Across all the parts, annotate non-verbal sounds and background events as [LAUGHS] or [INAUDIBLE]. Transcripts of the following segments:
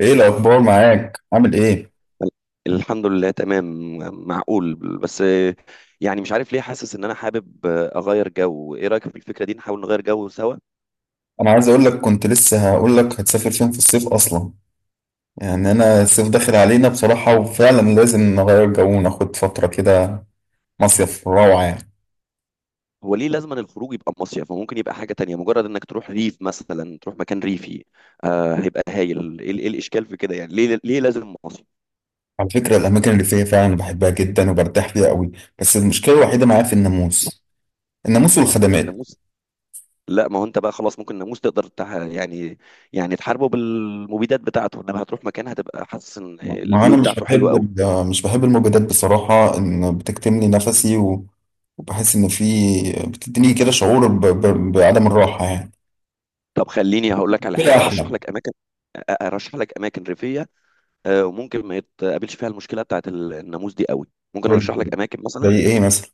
ايه الاخبار معاك؟ عامل ايه؟ الحمد لله تمام. معقول بس. يعني مش عارف ليه حاسس ان انا حابب اغير جو. ايه رايك في الفكره دي؟ نحاول نغير جو سوا. انا عايز اقول لك كنت لسه هقول لك هتسافر فين في الصيف اصلا. يعني انا الصيف داخل علينا بصراحة، وفعلا لازم نغير جو وناخد فترة كده. مصيف روعة يعني. هو ليه لازم أن الخروج يبقى مصيف؟ ممكن يبقى حاجه تانية، مجرد انك تروح ريف مثلا، تروح مكان ريفي. آه، هيبقى هايل. ايه الاشكال في كده يعني؟ ليه لازم مصيف؟ على فكرة الاماكن اللي فيها فعلا بحبها جدا وبرتاح فيها قوي، بس المشكلة الوحيدة معايا في الناموس. الناموس والخدمات. الناموس. لا، ما هو انت بقى خلاص، ممكن الناموس تقدر يعني، يعني تحاربه بالمبيدات بتاعته. انما هتروح مكان هتبقى حاسس ان ما انا الفيو بتاعته حلوه قوي. مش بحب الموجودات بصراحة، ان بتكتمني نفسي وبحس ان في. بتديني كده شعور بعدم الراحة يعني. طب خليني هقول لك على كده حاجه، ارشح احلى. لك اماكن. ارشح لك اماكن ريفيه. آه، وممكن ما يتقابلش فيها المشكله بتاعت الناموس دي قوي. ممكن طيب، ارشح لك اماكن زي مثلا. ايه مثلا؟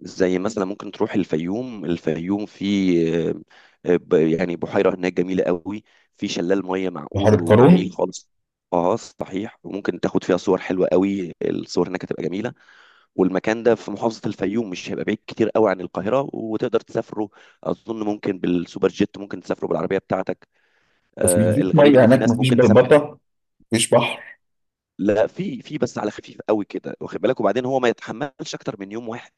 زي مثلا ممكن تروح الفيوم. الفيوم في آه، يعني بحيره هناك جميله قوي. في شلال ميه بحر معقول وجميل القارون. خالص. اه صحيح. وممكن تاخد فيها صور حلوه قوي، الصور هناك هتبقى جميله. والمكان ده في محافظه الفيوم، مش هيبقى بعيد كتير قوي عن القاهره، وتقدر تسافره. اظن ممكن بالسوبر جيت، ممكن تسافره بالعربيه بتاعتك. بس آه، مفيش الغريب ميه ان في هناك، ناس مفيش ممكن تسافر. بلبطه، مفيش بحر. لا، في بس على خفيف قوي كده، واخد بالك، وبعدين هو ما يتحملش اكتر من يوم واحد.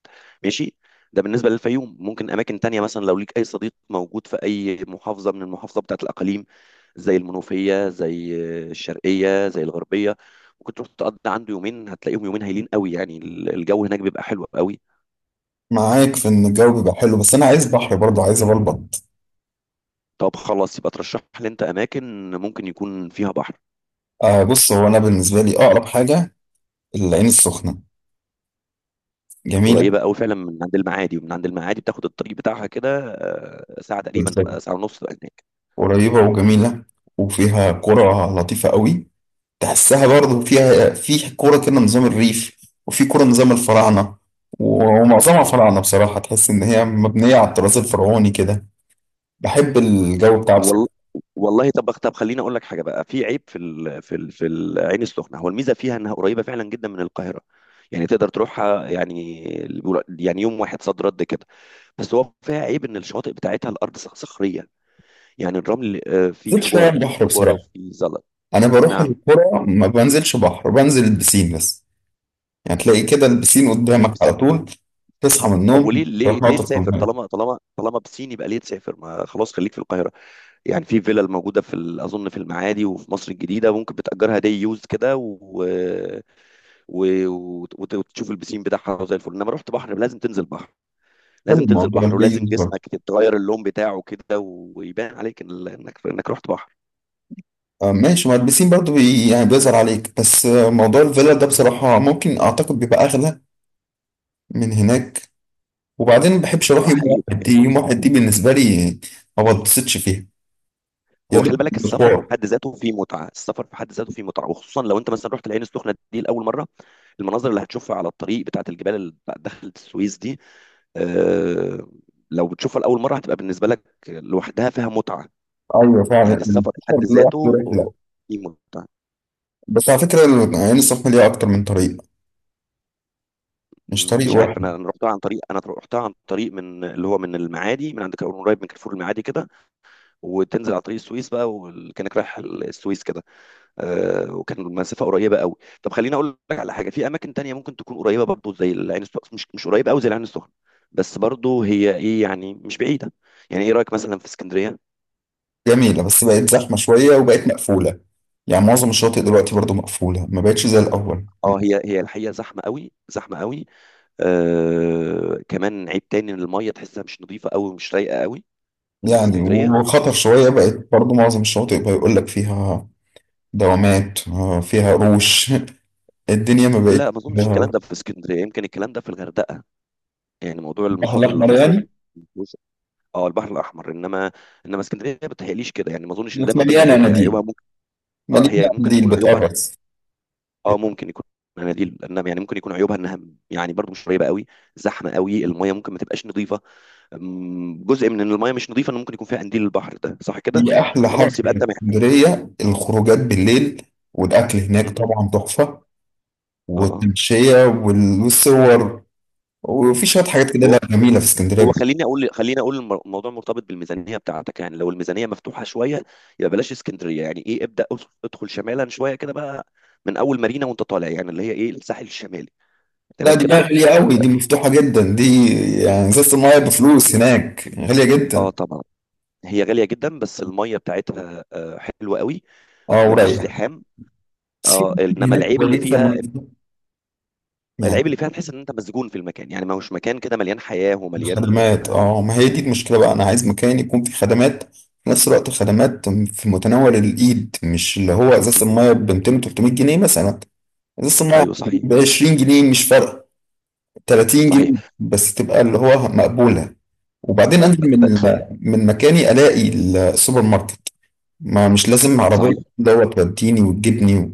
ماشي. ده بالنسبه للفيوم. ممكن اماكن تانية مثلا، لو ليك اي صديق موجود في اي محافظه من المحافظه بتاعت الاقاليم، زي المنوفيه، زي الشرقيه، زي الغربيه. ممكن تروح تقضي عنده يومين، هتلاقيهم يومين هايلين قوي يعني. الجو هناك بيبقى حلو قوي. معاك في ان الجو بيبقى حلو، بس انا عايز بحر برضه، عايز ابلبط. طب خلاص، يبقى ترشح لي انت اماكن ممكن يكون فيها بحر. آه بص، هو انا بالنسبه لي اقرب حاجه العين السخنه، جميله. قريبه قوي فعلا من عند المعادي. ومن عند المعادي بتاخد الطريق بتاعها كده، ساعه تقريبا، بالظبط، تبقى ساعه ونص تبقى هناك. قريبه وجميله، وفيها قرى لطيفه قوي. تحسها برضه فيها، في قرى كده نظام الريف، وفي قرى نظام الفراعنه. ومعظمها فراعنه بصراحه، تحس ان هي مبنيه على الطراز الفرعوني كده. بحب الجو بتاعها والله. بصراحه. والله، طب خليني اقول لك حاجه بقى. في عيب في العين السخنه. هو الميزه فيها انها قريبه فعلا جدا من القاهره. يعني تقدر تروحها يعني، يعني يوم واحد صد رد كده. بس هو فيها عيب ان الشواطئ بتاعتها الارض صخريه. يعني الرمل، فيه زيت شويه حجاره، في البحر حجاره بصراحه. وفي زلط. انا بروح نعم. القرى ما بنزلش بحر، بنزل البسين بس. يعني تلاقي كده البسين قدامك على البسين. طول، تصحى من طب النوم وليه ليه تروح ليه ناطط في تسافر الميه. طالما طالما بسين يبقى ليه تسافر؟ ما خلاص، خليك في القاهره. يعني في فيلا الموجودة في أظن في المعادي وفي مصر الجديدة، ممكن بتأجرها دي يوز كده وتشوف البسين بتاعها زي الفل. إنما رحت بحر لازم تنزل بحر. حلو لازم تنزل الموضوع بحر، ولازم الجيد جسمك برضه. تتغير اللون بتاعه كده، ويبان عليك إنك رحت بحر. آه، ماشي، ما البسين برضه بي يعني بيظهر عليك. بس آه، موضوع الفيلا ده بصراحة ممكن أعتقد بيبقى أغلى من هناك. وبعدين ما بحبش أروح يوم حقيقي بقى واحد، دي يعني. يوم واحد دي بالنسبة لي ما بتبسطش فيها، يا هو دوب خلي بالك، السفر في مشوار. حد ذاته فيه متعة. السفر في حد ذاته فيه متعة، وخصوصا لو أنت مثلا رحت العين السخنة دي لأول مرة. المناظر اللي هتشوفها على الطريق بتاعت الجبال اللي دخلت السويس دي، آه، لو بتشوفها لأول مرة هتبقى بالنسبة لك لوحدها فيها متعة. أيوه فعلا يعني السفر في السفر حد لوحده ذاته رحلة. ليه متعة. بس على فكرة، عين السخنة ليها أكتر من طريق، مش طريق مش عارف، انا واحد. انا رحتها عن طريق، انا رحتها عن طريق، من اللي هو من المعادي، من عند قريب من كارفور المعادي كده. وتنزل على طريق السويس بقى، وكانك رايح السويس كده. وكان المسافه قريبه قوي. طب خليني اقول لك على حاجه، في اماكن تانية ممكن تكون قريبه برضو زي العين السخنه، مش قريبه قوي زي العين السخنه. بس برضو هي ايه يعني، مش بعيده. يعني ايه رايك مثلا في اسكندريه؟ جميلة، بس بقت زحمة شوية وبقت مقفولة. يعني معظم الشواطئ دلوقتي برضو مقفولة، ما بقتش زي الأول اه هي الحقيقه زحمه قوي، زحمه قوي. كمان عيب تاني ان الميه تحسها مش نظيفه قوي ومش رايقه قوي في يعني. الاسكندريه. وخطر شوية بقت برضو، معظم الشواطئ بيقول لك فيها دوامات، آه، فيها قروش. [LAUGHS] الدنيا ما بقت. لا، ما اظنش الكلام آه، ده في اسكندريه. يمكن الكلام ده في الغردقه. يعني موضوع البحر المخاطر اللي الأحمر حصلت، يعني. مش- اه البحر الاحمر. انما اسكندريه ما بتهيأليش كده يعني، ما اظنش ان ده بقت من ضمن مليانة عيوبها. هي عيوبها اناديل، ممكن. اه، هي مليانة ممكن اناديل تكون عيوبها. بتقرص. اه ممكن يكون مناديل، انما يعني ممكن يكون عيوبها انها يعني برضو مش قريبه قوي، زحمه قوي، الميه ممكن ما تبقاش نظيفه. جزء من ان الميه مش نظيفه ان ممكن يكون فيها قنديل البحر ده، صح كده؟ دي أحلى حاجة خلاص يبقى في انت. اسكندرية، الخروجات بالليل. والأكل هناك م. طبعا تحفة. اه. آه. والتمشية والصور. وفي شوية حاجات كده، هو لا جميلة في هو اسكندرية. خليني اقول الموضوع مرتبط بالميزانيه بتاعتك، يعني لو الميزانيه مفتوحه شويه يبقى بلاش اسكندريه يعني، ايه ابدا، ادخل شمالا شويه كده بقى. من اول مارينا وانت طالع، يعني اللي هي ايه، الساحل الشمالي، لا تمام دي بقى كده. غالية قوي، دي مفتوحة جدا دي. يعني ازازة المية بفلوس هناك غالية اه جدا. طبعا. هي غاليه جدا بس الميه بتاعتها حلوه قوي. اه مفيش ورايقة. زحام. بس في اه أماكن انما هناك العيب اللي كويسة فيها، يعني العيب اللي فيها تحس ان انت مسجون في المكان، يعني ما هوش مكان كده مليان حياه ومليان. بخدمات. اه ما هي دي المشكلة بقى، أنا عايز مكان يكون فيه خدمات في نفس الوقت، خدمات في متناول الإيد، مش اللي هو إزازة المية ب 200 300 جنيه مثلا. إزازة المية ايوه صحيح. ب 20 جنيه مش فارقة، 30 جنيه صحيح. بس تبقى اللي هو مقبولة. وبعدين أنزل من طب. مكاني ألاقي السوبر ماركت. ما مش لازم عربية صحيح. دوت توديني وتجيبني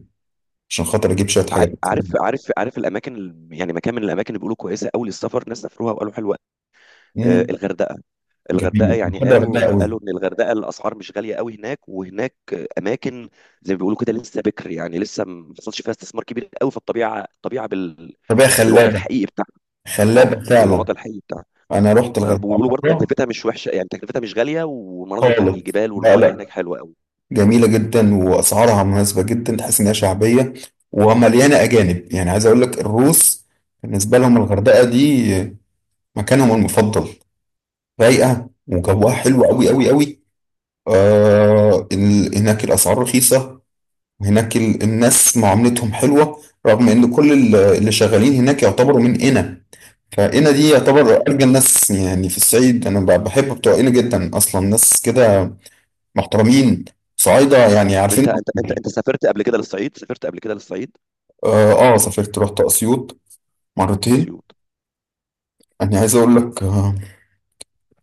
عشان خاطر اجيب شوية حاجات. عارف عارف الاماكن يعني مكان من الاماكن اللي بيقولوا كويسه قوي للسفر، ناس سافروها وقالوا حلوه. آه، امم، الغردقه الغردقه جميل، يعني بحب الغردقة قالوا قوي. قالوا ان الغردقه الاسعار مش غاليه قوي هناك، وهناك اماكن زي ما بيقولوا كده لسه بكر، يعني لسه ما حصلش فيها استثمار كبير قوي في الطبيعه الغردقة بالوضع خلابة، الحقيقي بتاعها. خلابة اه، فعلا. بالوضع الحقيقي بتاعها. انا رحت الغردقة بيقولوا برضه مرة تكلفتها مش وحشه، يعني تكلفتها مش غاليه، والمناظر بتاعت خالص. الجبال لا والميه هناك لا، حلوه قوي. جميلة جدا واسعارها مناسبة جدا، تحس انها شعبية ومليانة اجانب. يعني عايز اقول لك الروس، بالنسبة لهم الغردقة دي مكانهم المفضل. رايقة وجوها م- حلو قوي صحيح. قوي قوي. م- هناك الاسعار رخيصة. هناك الناس معاملتهم حلوة، رغم ان كل اللي شغالين هناك يعتبروا من قنا. فقنا دي م- يعتبر م. ارجى الناس يعني في الصعيد. انا بحب بتوع قنا جدا اصلا، ناس كده محترمين، صعايدة يعني عارفين. انت سافرت قبل كده للصعيد، سافرت قبل كده للصعيد. اه، آه سافرت، رحت اسيوط مرتين. اسيوط. انا عايز اقول لك آه،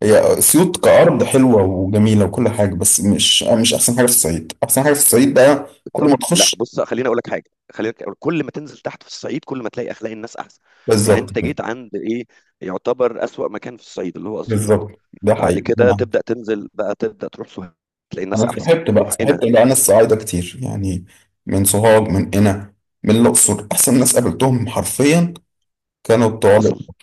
هي اسيوط كارض حلوة وجميلة وكل حاجة، بس مش آه مش احسن حاجة في الصعيد. احسن حاجة في الصعيد بقى كل طب- ما لا تخش. بص، خليني اقول لك حاجه، خليني أقول، كل ما تنزل تحت في الصعيد كل ما تلاقي اخلاق الناس احسن. يعني بالظبط انت كده. جيت عند ايه، يعتبر اسوأ مكان في الصعيد اللي هو اسيوط. بالظبط ده بعد حقيقي. كده تبدا تنزل بقى، تبدا تروح سوهاج، تلاقي الناس انا احسن صاحبت بقى روح صاحبت هنا. بقى ناس صعايده كتير يعني، من سوهاج، من قنا، من الاقصر. احسن ناس قابلتهم حرفيا كانوا بتوع حصل. الأقصر.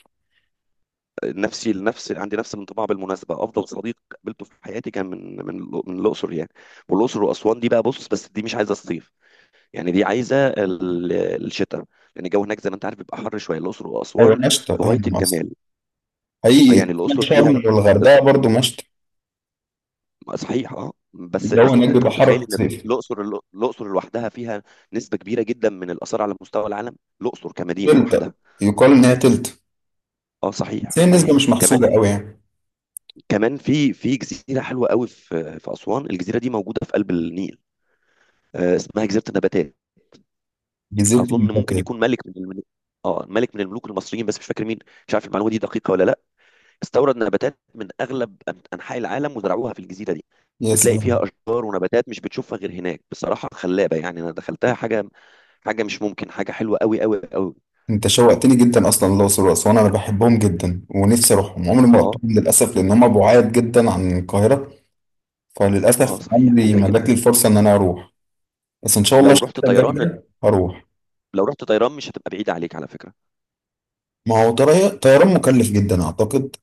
نفسي لنفس، عندي نفس الانطباع، بالمناسبه افضل صديق قابلته في حياتي كان من الاقصر يعني. والاقصر واسوان دي بقى بص، بس دي مش عايزه الصيف، يعني دي عايزه الشتاء، لان الجو هناك زي ما انت عارف بيبقى حر شويه، الاقصر ايوه واسوان مشتى في غايه هم اصلا. الجمال. حقيقي. يعني الاقصر شرم فيها، والغردقه برضو مشتى. صحيح اه، بس الجو بس هناك بيبقى انت حر متخيل في ان الصيف. الاقصر لوحدها فيها نسبه كبيره جدا من الاثار على مستوى العالم، الاقصر كمدينه تلتا، لوحدها. يقال ان هي تلتا، اه بس صحيح. هي صحيح. النسبه مش كمان محسوبه قوي يعني. كمان في جزيره حلوه قوي في اسوان. الجزيره دي موجوده في قلب النيل. آه، اسمها جزيره النباتات. جزيره اظن ممكن المفتات. يكون ملك من الملوك. اه، ملك من الملوك المصريين بس مش فاكر مين. مش عارف المعلومه دي دقيقه ولا لا. استورد نباتات من اغلب انحاء العالم وزرعوها في الجزيره دي. يا بتلاقي فيها سلام. اشجار ونباتات مش بتشوفها غير هناك بصراحه، خلابه يعني. انا دخلتها، حاجه، حاجه مش ممكن، حاجه حلوه قوي قوي قوي. انت شوقتني جدا، اصلا الاقصر واسوان انا بحبهم جدا ونفسي اروحهم، عمري ما اه. رحتهم للاسف، لان هم بعاد جدا عن القاهره، اه فللاسف صحيح عمري بعيده ما جات جدا. لي الفرصه ان انا اروح. بس ان شاء الله لو رحت شركتك طيران، جامده هروح. لو رحت طيران مش هتبقى بعيده عليك على فكره. ما هو طيران مكلف جدا اعتقد،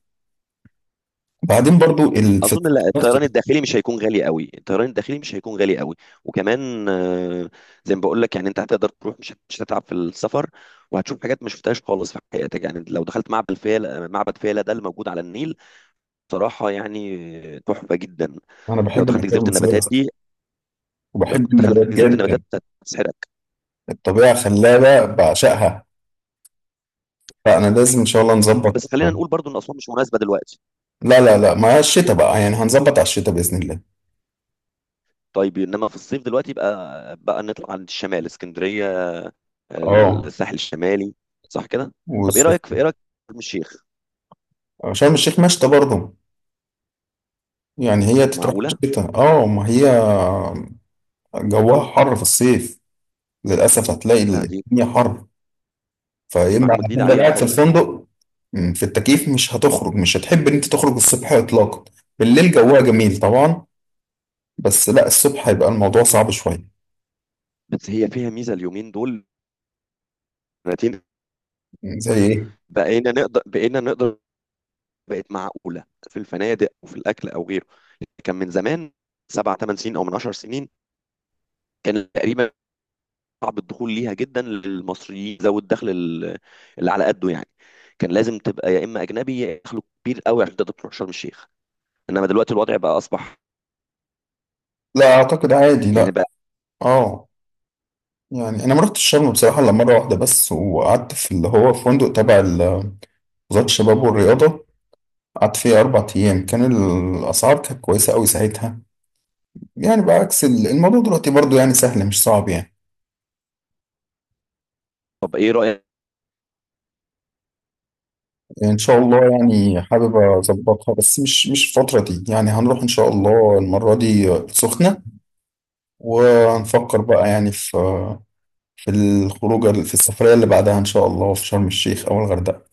وبعدين برضو ال... في اظن السفر لا، نفسه. الطيران الداخلي مش هيكون غالي قوي، الطيران الداخلي مش هيكون غالي قوي. وكمان، زي ما بقول لك، يعني انت هتقدر تروح، مش هتتعب في السفر. وهتشوف حاجات ما شفتهاش خالص في حياتك، يعني لو دخلت معبد فيلة، معبد فيلة ده اللي موجود على النيل، صراحه يعني تحفه جدا. انا لو بحب دخلت الاكل جزيره المصريه النباتات دي، لو وبحب النباتات دخلت جزيره جدا، النباتات هتسحرك. الطبيعه خلابه بعشقها. فانا لازم ان شاء الله نظبط. بس خلينا نقول برضو ان اسوان مش مناسبه دلوقتي. لا لا لا، مع الشتاء بقى يعني، هنظبط على الشتاء باذن الله. طيب، انما في الصيف دلوقتي بقى نطلع عند الشمال، اسكندريه، اه. الساحل الشمالي، صح كده؟ طب ايه والصيف. رايك في، ايه رايك في شرم الشيخ؟ شرم الشيخ مشتى برضه، يعني هي تتراح في معقوله؟ الشتاء اه. ما هي جواها حر في الصيف، للاسف هتلاقي لا، دي الدنيا حر، فيا دي اما معلومه جديده هتفضل عليها قاعد في خالص. الفندق. مم، في التكييف. مش هتخرج، مش هتحب ان انت تخرج الصبح اطلاقا. بالليل جوها جميل طبعا، بس لا الصبح هيبقى الموضوع صعب شويه. بس هي فيها ميزه اليومين دول، سنتين مم، زي ايه؟ بقينا نقدر بقت معقوله في الفنادق وفي الاكل او غيره. كان من زمان، سبع ثمان سنين او من 10 سنين كان تقريبا صعب الدخول ليها جدا للمصريين ذوي الدخل اللي على قده يعني. كان لازم تبقى يا اما اجنبي يا اما دخله كبير قوي عشان تقدر تروح شرم الشيخ. انما دلوقتي الوضع بقى اصبح لا اعتقد عادي، يعني لا. بقى. اه، يعني انا ما رحتش شرم بصراحه الا مره واحده بس، وقعدت في اللي هو فندق تبع وزاره الشباب والرياضه. قعدت فيه اربع ايام، كان الاسعار كانت كويسه قوي ساعتها. يعني بعكس الموضوع دلوقتي برضو يعني سهل مش صعب يعني. طب ايه رايك؟ ان شاء الله يعني حابب اظبطها، بس مش الفتره دي يعني. هنروح ان شاء الله المره دي السخنه، ونفكر بقى يعني في في الخروجه، في السفريه اللي بعدها ان شاء الله في شرم الشيخ او الغردقه.